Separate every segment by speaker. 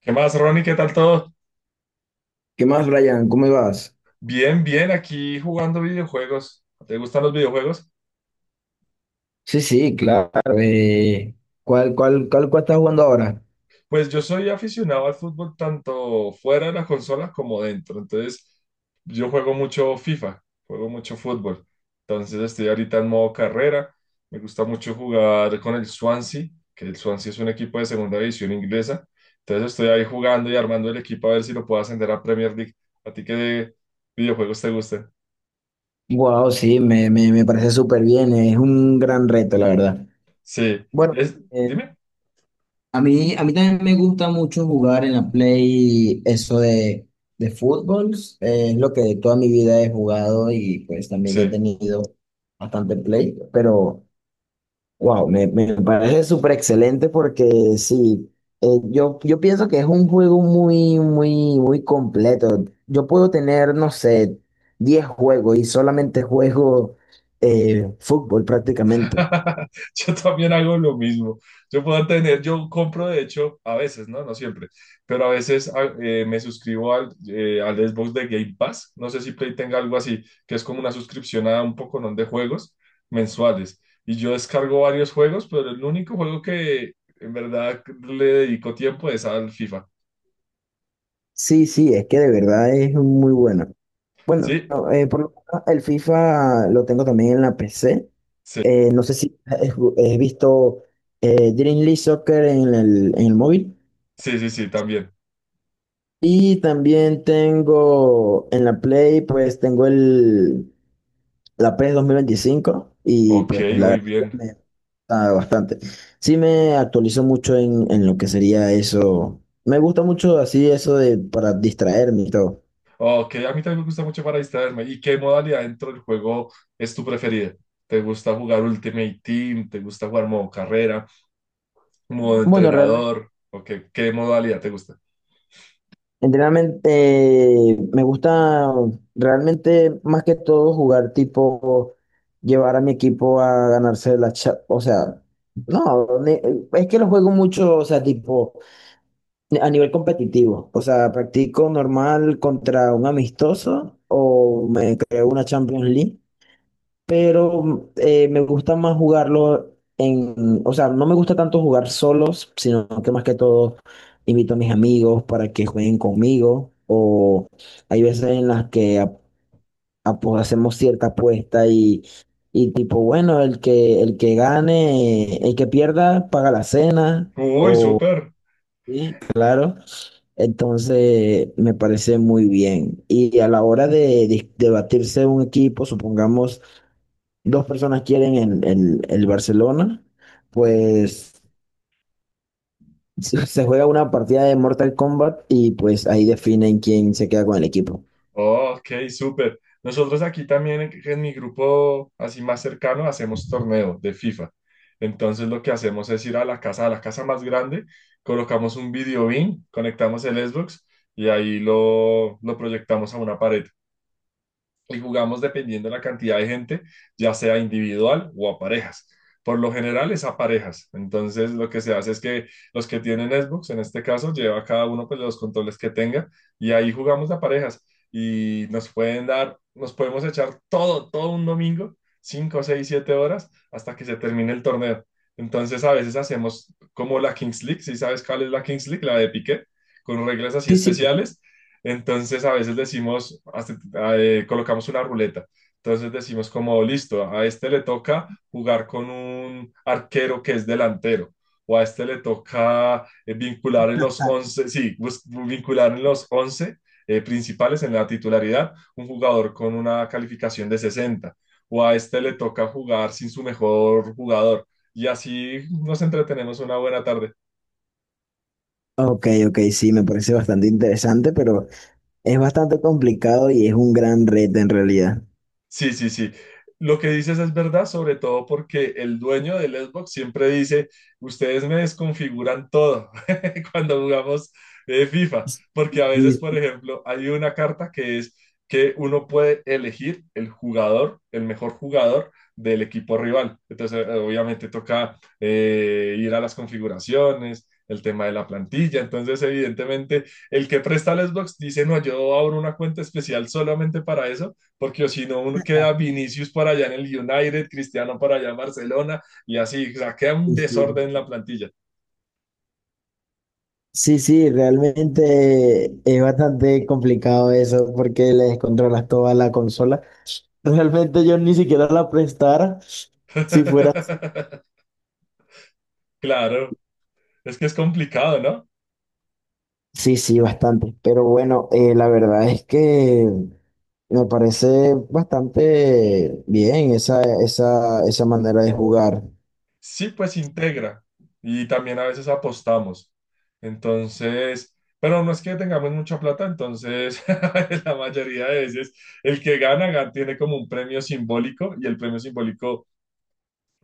Speaker 1: ¿Qué más, Ronnie? ¿Qué tal todo?
Speaker 2: ¿Qué más, Brian? ¿Cómo vas?
Speaker 1: Bien, bien, aquí jugando videojuegos. ¿Te gustan los videojuegos?
Speaker 2: Sí, sí, claro. eh, ¿cuál estás jugando ahora?
Speaker 1: Pues yo soy aficionado al fútbol tanto fuera de la consola como dentro. Entonces, yo juego mucho FIFA, juego mucho fútbol. Entonces, estoy ahorita en modo carrera. Me gusta mucho jugar con el Swansea, que el Swansea es un equipo de segunda división inglesa. Entonces, estoy ahí jugando y armando el equipo a ver si lo puedo ascender a Premier League. ¿A ti qué videojuegos te gustan?
Speaker 2: Wow, sí, me parece súper bien. Es un gran reto, la verdad.
Speaker 1: Sí,
Speaker 2: Bueno,
Speaker 1: es,
Speaker 2: eh,
Speaker 1: dime.
Speaker 2: a mí también me gusta mucho jugar en la Play eso de fútbol. Es lo que toda mi vida he jugado y pues también he
Speaker 1: Sí.
Speaker 2: tenido bastante Play, pero... Wow, me parece súper excelente porque sí, yo pienso que es un juego muy completo. Yo puedo tener, no sé, 10 juegos y solamente juego fútbol prácticamente.
Speaker 1: Yo también hago lo mismo. Yo puedo tener, yo compro de hecho, a veces, ¿no? No siempre, pero a veces me suscribo al, al Xbox de Game Pass. No sé si Play tenga algo así, que es como una suscripción a un poconón de juegos mensuales. Y yo descargo varios juegos, pero el único juego que en verdad le dedico tiempo es al FIFA.
Speaker 2: Sí, sí, es que de verdad es muy bueno. Bueno,
Speaker 1: ¿Sí?
Speaker 2: no, por lo menos el FIFA lo tengo también en la PC.
Speaker 1: Sí,
Speaker 2: No sé si has visto Dream League Soccer en el móvil.
Speaker 1: sí, sí, sí, también.
Speaker 2: Y también tengo en la Play, pues tengo el, la PES 2025 y
Speaker 1: Ok,
Speaker 2: pues la
Speaker 1: muy
Speaker 2: verdad que
Speaker 1: bien.
Speaker 2: me gusta bastante. Sí me actualizo mucho en lo que sería eso. Me gusta mucho así eso de para distraerme y todo.
Speaker 1: Ok, a mí también me gusta mucho para distraerme. ¿Y qué modalidad dentro del juego es tu preferida? ¿Te gusta jugar Ultimate Team? ¿Te gusta jugar modo carrera? ¿Modo
Speaker 2: Bueno, realmente,
Speaker 1: entrenador? ¿O qué, qué modalidad te gusta?
Speaker 2: realmente, me gusta realmente más que todo jugar tipo, llevar a mi equipo a ganarse la cha- o sea, no, ne- es que lo juego mucho, o sea, tipo... A nivel competitivo, o sea, practico normal contra un amistoso o me creo una Champions League, pero me gusta más jugarlo en, o sea, no me gusta tanto jugar solos, sino que más que todo invito a mis amigos para que jueguen conmigo o hay veces en las que ap- apo- hacemos cierta apuesta y tipo, bueno, el que gane, el que pierda paga la cena
Speaker 1: Uy,
Speaker 2: o,
Speaker 1: súper.
Speaker 2: sí, claro. Entonces, me parece muy bien. Y a la hora de dis- debatirse un equipo, supongamos dos personas quieren el Barcelona, pues se juega una partida de Mortal Kombat y pues ahí definen quién se queda con el equipo.
Speaker 1: Ok, súper. Nosotros aquí también en mi grupo así más cercano hacemos torneo de FIFA. Entonces lo que hacemos es ir a la casa más grande, colocamos un video beam, conectamos el Xbox y ahí lo proyectamos a una pared. Y jugamos dependiendo de la cantidad de gente, ya sea individual o a parejas. Por lo general es a parejas. Entonces lo que se hace es que los que tienen Xbox, en este caso, lleva cada uno pues, los controles que tenga y ahí jugamos a parejas y nos pueden dar, nos podemos echar todo, todo un domingo, 5 6 7 horas hasta que se termine el torneo. Entonces a veces hacemos como la Kings League, si sabes cuál es la Kings League, la de Piqué, con reglas así
Speaker 2: Sí, sí.
Speaker 1: especiales, entonces a veces decimos, colocamos una ruleta. Entonces decimos como, listo, a este le toca jugar con un arquero que es delantero, o a este le toca vincular en los
Speaker 2: Ah,
Speaker 1: 11 sí, vincular en los 11 principales en la titularidad un jugador con una calificación de 60 o a este le toca jugar sin su mejor jugador. Y así nos entretenemos una buena tarde.
Speaker 2: ok, ok, sí, me parece bastante interesante, pero es bastante complicado y es un gran reto en realidad.
Speaker 1: Sí, sí, sí. Lo que dices es verdad, sobre todo porque el dueño del Xbox siempre dice, ustedes me desconfiguran todo cuando jugamos FIFA,
Speaker 2: Sí,
Speaker 1: porque a veces, por ejemplo, hay una carta que es que uno puede elegir el jugador, el mejor jugador del equipo rival. Entonces, obviamente toca ir a las configuraciones, el tema de la plantilla. Entonces, evidentemente, el que presta el Xbox dice, no, yo abro una cuenta especial solamente para eso porque o si no, uno queda Vinicius para allá en el United, Cristiano para allá en Barcelona, y así, o sea, queda un
Speaker 2: sí,
Speaker 1: desorden
Speaker 2: sí.
Speaker 1: en la plantilla.
Speaker 2: Sí, sí, realmente es bastante complicado eso porque le descontrolas toda la consola. Realmente yo ni siquiera la prestara si fuera... así.
Speaker 1: Claro, es que es complicado, ¿no?
Speaker 2: Sí, sí, bastante. Pero bueno, la verdad es que me parece bastante bien esa manera de jugar.
Speaker 1: Sí, pues integra, y también a veces apostamos. Entonces, pero no es que tengamos mucha plata, entonces la mayoría de veces el que gana, tiene como un premio simbólico, y el premio simbólico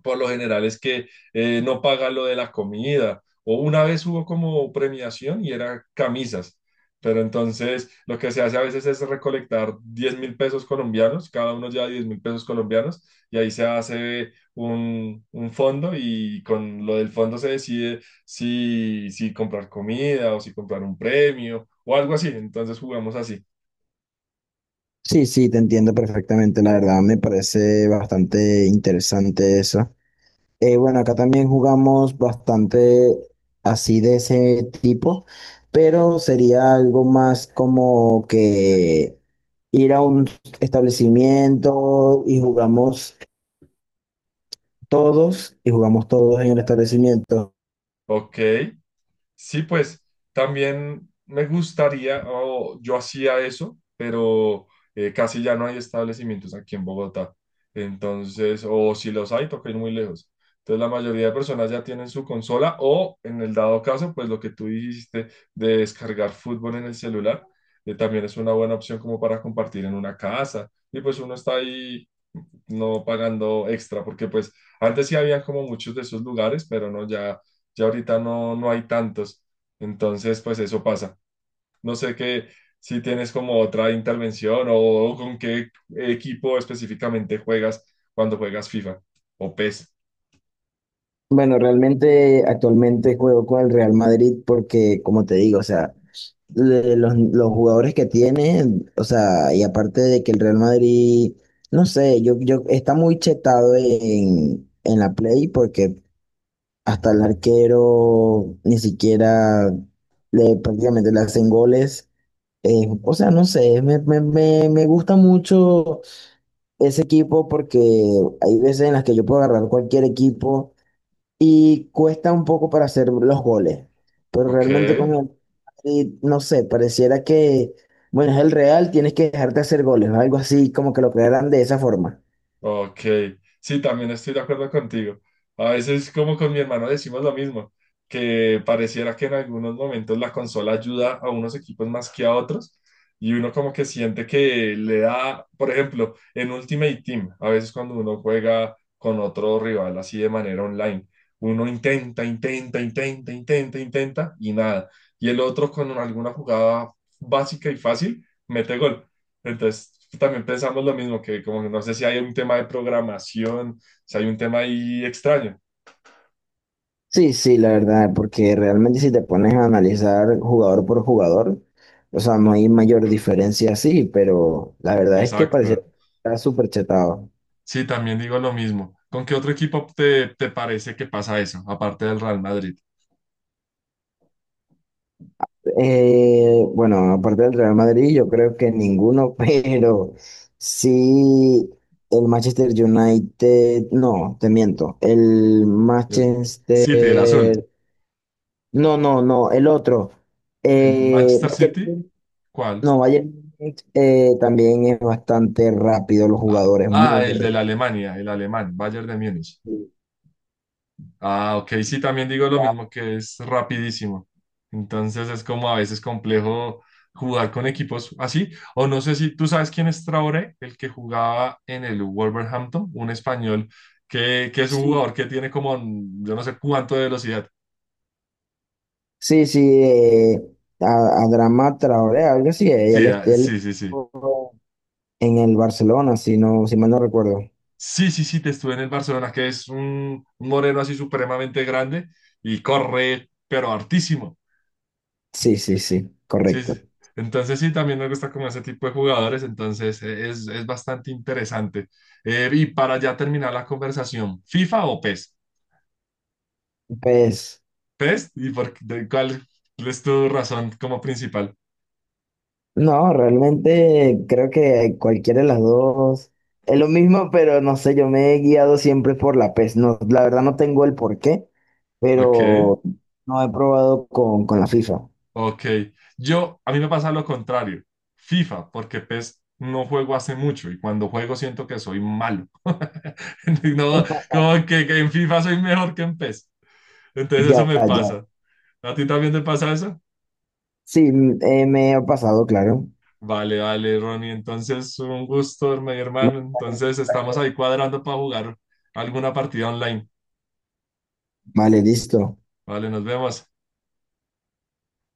Speaker 1: por lo general es que no paga lo de la comida. O una vez hubo como premiación y era camisas. Pero entonces lo que se hace a veces es recolectar 10.000 pesos colombianos, cada uno lleva 10.000 pesos colombianos y ahí se hace un fondo y con lo del fondo se decide si, si comprar comida o si comprar un premio o algo así. Entonces jugamos así.
Speaker 2: Sí, sí, te entiendo perfectamente, la verdad me parece bastante interesante eso. Bueno, acá también jugamos bastante así de ese tipo, pero sería algo más como que ir a un establecimiento y jugamos todos en el establecimiento.
Speaker 1: Ok. Sí, pues también me gustaría, o yo hacía eso, pero casi ya no hay establecimientos aquí en Bogotá. Entonces, o si los hay, toca ir muy lejos. Entonces, la mayoría de personas ya tienen su consola o, en el dado caso, pues lo que tú dijiste de descargar fútbol en el celular, también es una buena opción como para compartir en una casa. Y pues uno está ahí no pagando extra, porque pues antes sí había como muchos de esos lugares, pero no, ya, ya ahorita no, no hay tantos. Entonces, pues eso pasa. No sé qué, si tienes como otra intervención o con qué equipo específicamente juegas cuando juegas FIFA o PES.
Speaker 2: Bueno, realmente actualmente juego con el Real Madrid porque, como te digo, o sea, le- los jugadores que tiene, o sea, y aparte de que el Real Madrid, no sé, yo está muy chetado en la play porque hasta el arquero ni siquiera le prácticamente le hacen goles. O sea, no sé, me gusta mucho ese equipo porque hay veces en las que yo puedo agarrar cualquier equipo y cuesta un poco para hacer los goles. Pero
Speaker 1: Ok.
Speaker 2: realmente con el Madrid, no sé, pareciera que, bueno, es el Real, tienes que dejarte hacer goles, ¿no? Algo así, como que lo crearan de esa forma.
Speaker 1: Ok, sí, también estoy de acuerdo contigo. A veces, como con mi hermano, decimos lo mismo, que pareciera que en algunos momentos la consola ayuda a unos equipos más que a otros, y uno como que siente que le da, por ejemplo, en Ultimate Team, a veces cuando uno juega con otro rival así de manera online, uno intenta, intenta, intenta, intenta, intenta, y nada. Y el otro con alguna jugada básica y fácil, mete gol. Entonces, también pensamos lo mismo, que como que no sé si hay un tema de programación, si hay un tema ahí extraño.
Speaker 2: Sí, sí, la verdad, porque realmente si te pones a analizar jugador por jugador, o sea, no hay mayor diferencia así, pero la verdad es que pareciera
Speaker 1: Exacto.
Speaker 2: que está súper chetado.
Speaker 1: Sí, también digo lo mismo. ¿Con qué otro equipo te, te parece que pasa eso, aparte del Real Madrid?
Speaker 2: Bueno, aparte del Real Madrid, yo creo que ninguno, pero sí el Manchester United, no, te miento, el
Speaker 1: El City, el azul.
Speaker 2: Manchester, no, no, no, el otro,
Speaker 1: ¿El Manchester City?
Speaker 2: Bayern,
Speaker 1: ¿Cuál?
Speaker 2: no, Bayern, también es bastante rápido, los
Speaker 1: Ah,
Speaker 2: jugadores
Speaker 1: ah,
Speaker 2: muy
Speaker 1: el de
Speaker 2: rápido.
Speaker 1: la Alemania, el alemán, Bayern de Múnich. Ah, ok, sí, también digo lo mismo, que es rapidísimo. Entonces es como a veces complejo jugar con equipos así. O no sé si tú sabes quién es Traoré, el que jugaba en el Wolverhampton, un español que es un
Speaker 2: Sí,
Speaker 1: jugador que tiene como yo no sé cuánto de velocidad.
Speaker 2: sí, sí, a Adama Traoré, algo así, él,
Speaker 1: Sí, ah,
Speaker 2: este, él,
Speaker 1: sí, sí, sí.
Speaker 2: en el Barcelona, si no, si mal no recuerdo.
Speaker 1: Sí, sí, sí, te estuve en el Barcelona, que es un moreno así supremamente grande y corre, pero hartísimo.
Speaker 2: Sí, sí, sí,
Speaker 1: Sí, sí.
Speaker 2: correcto.
Speaker 1: Entonces sí, también me gusta como ese tipo de jugadores, entonces es bastante interesante. Y para ya terminar la conversación, ¿FIFA o PES?
Speaker 2: Pues
Speaker 1: ¿PES? ¿Y por, qué- de cuál es tu razón como principal?
Speaker 2: no, realmente creo que cualquiera de las dos es lo mismo, pero no sé, yo me he guiado siempre por la PES. No, la verdad no tengo el porqué,
Speaker 1: Ok,
Speaker 2: pero no he probado con la FIFA.
Speaker 1: ok. Yo, a mí me pasa lo contrario, FIFA, porque PES no juego hace mucho y cuando juego siento que soy malo. No, como que en FIFA soy mejor que en PES. Entonces eso
Speaker 2: Ya,
Speaker 1: me
Speaker 2: ya.
Speaker 1: pasa. ¿A ti también te pasa eso?
Speaker 2: Sí, m- me ha pasado, claro.
Speaker 1: Vale, vale, Ronnie. Entonces, un gusto, mi hermano. Entonces, estamos ahí cuadrando para jugar alguna partida online.
Speaker 2: Vale, listo.
Speaker 1: Vale, nos vemos.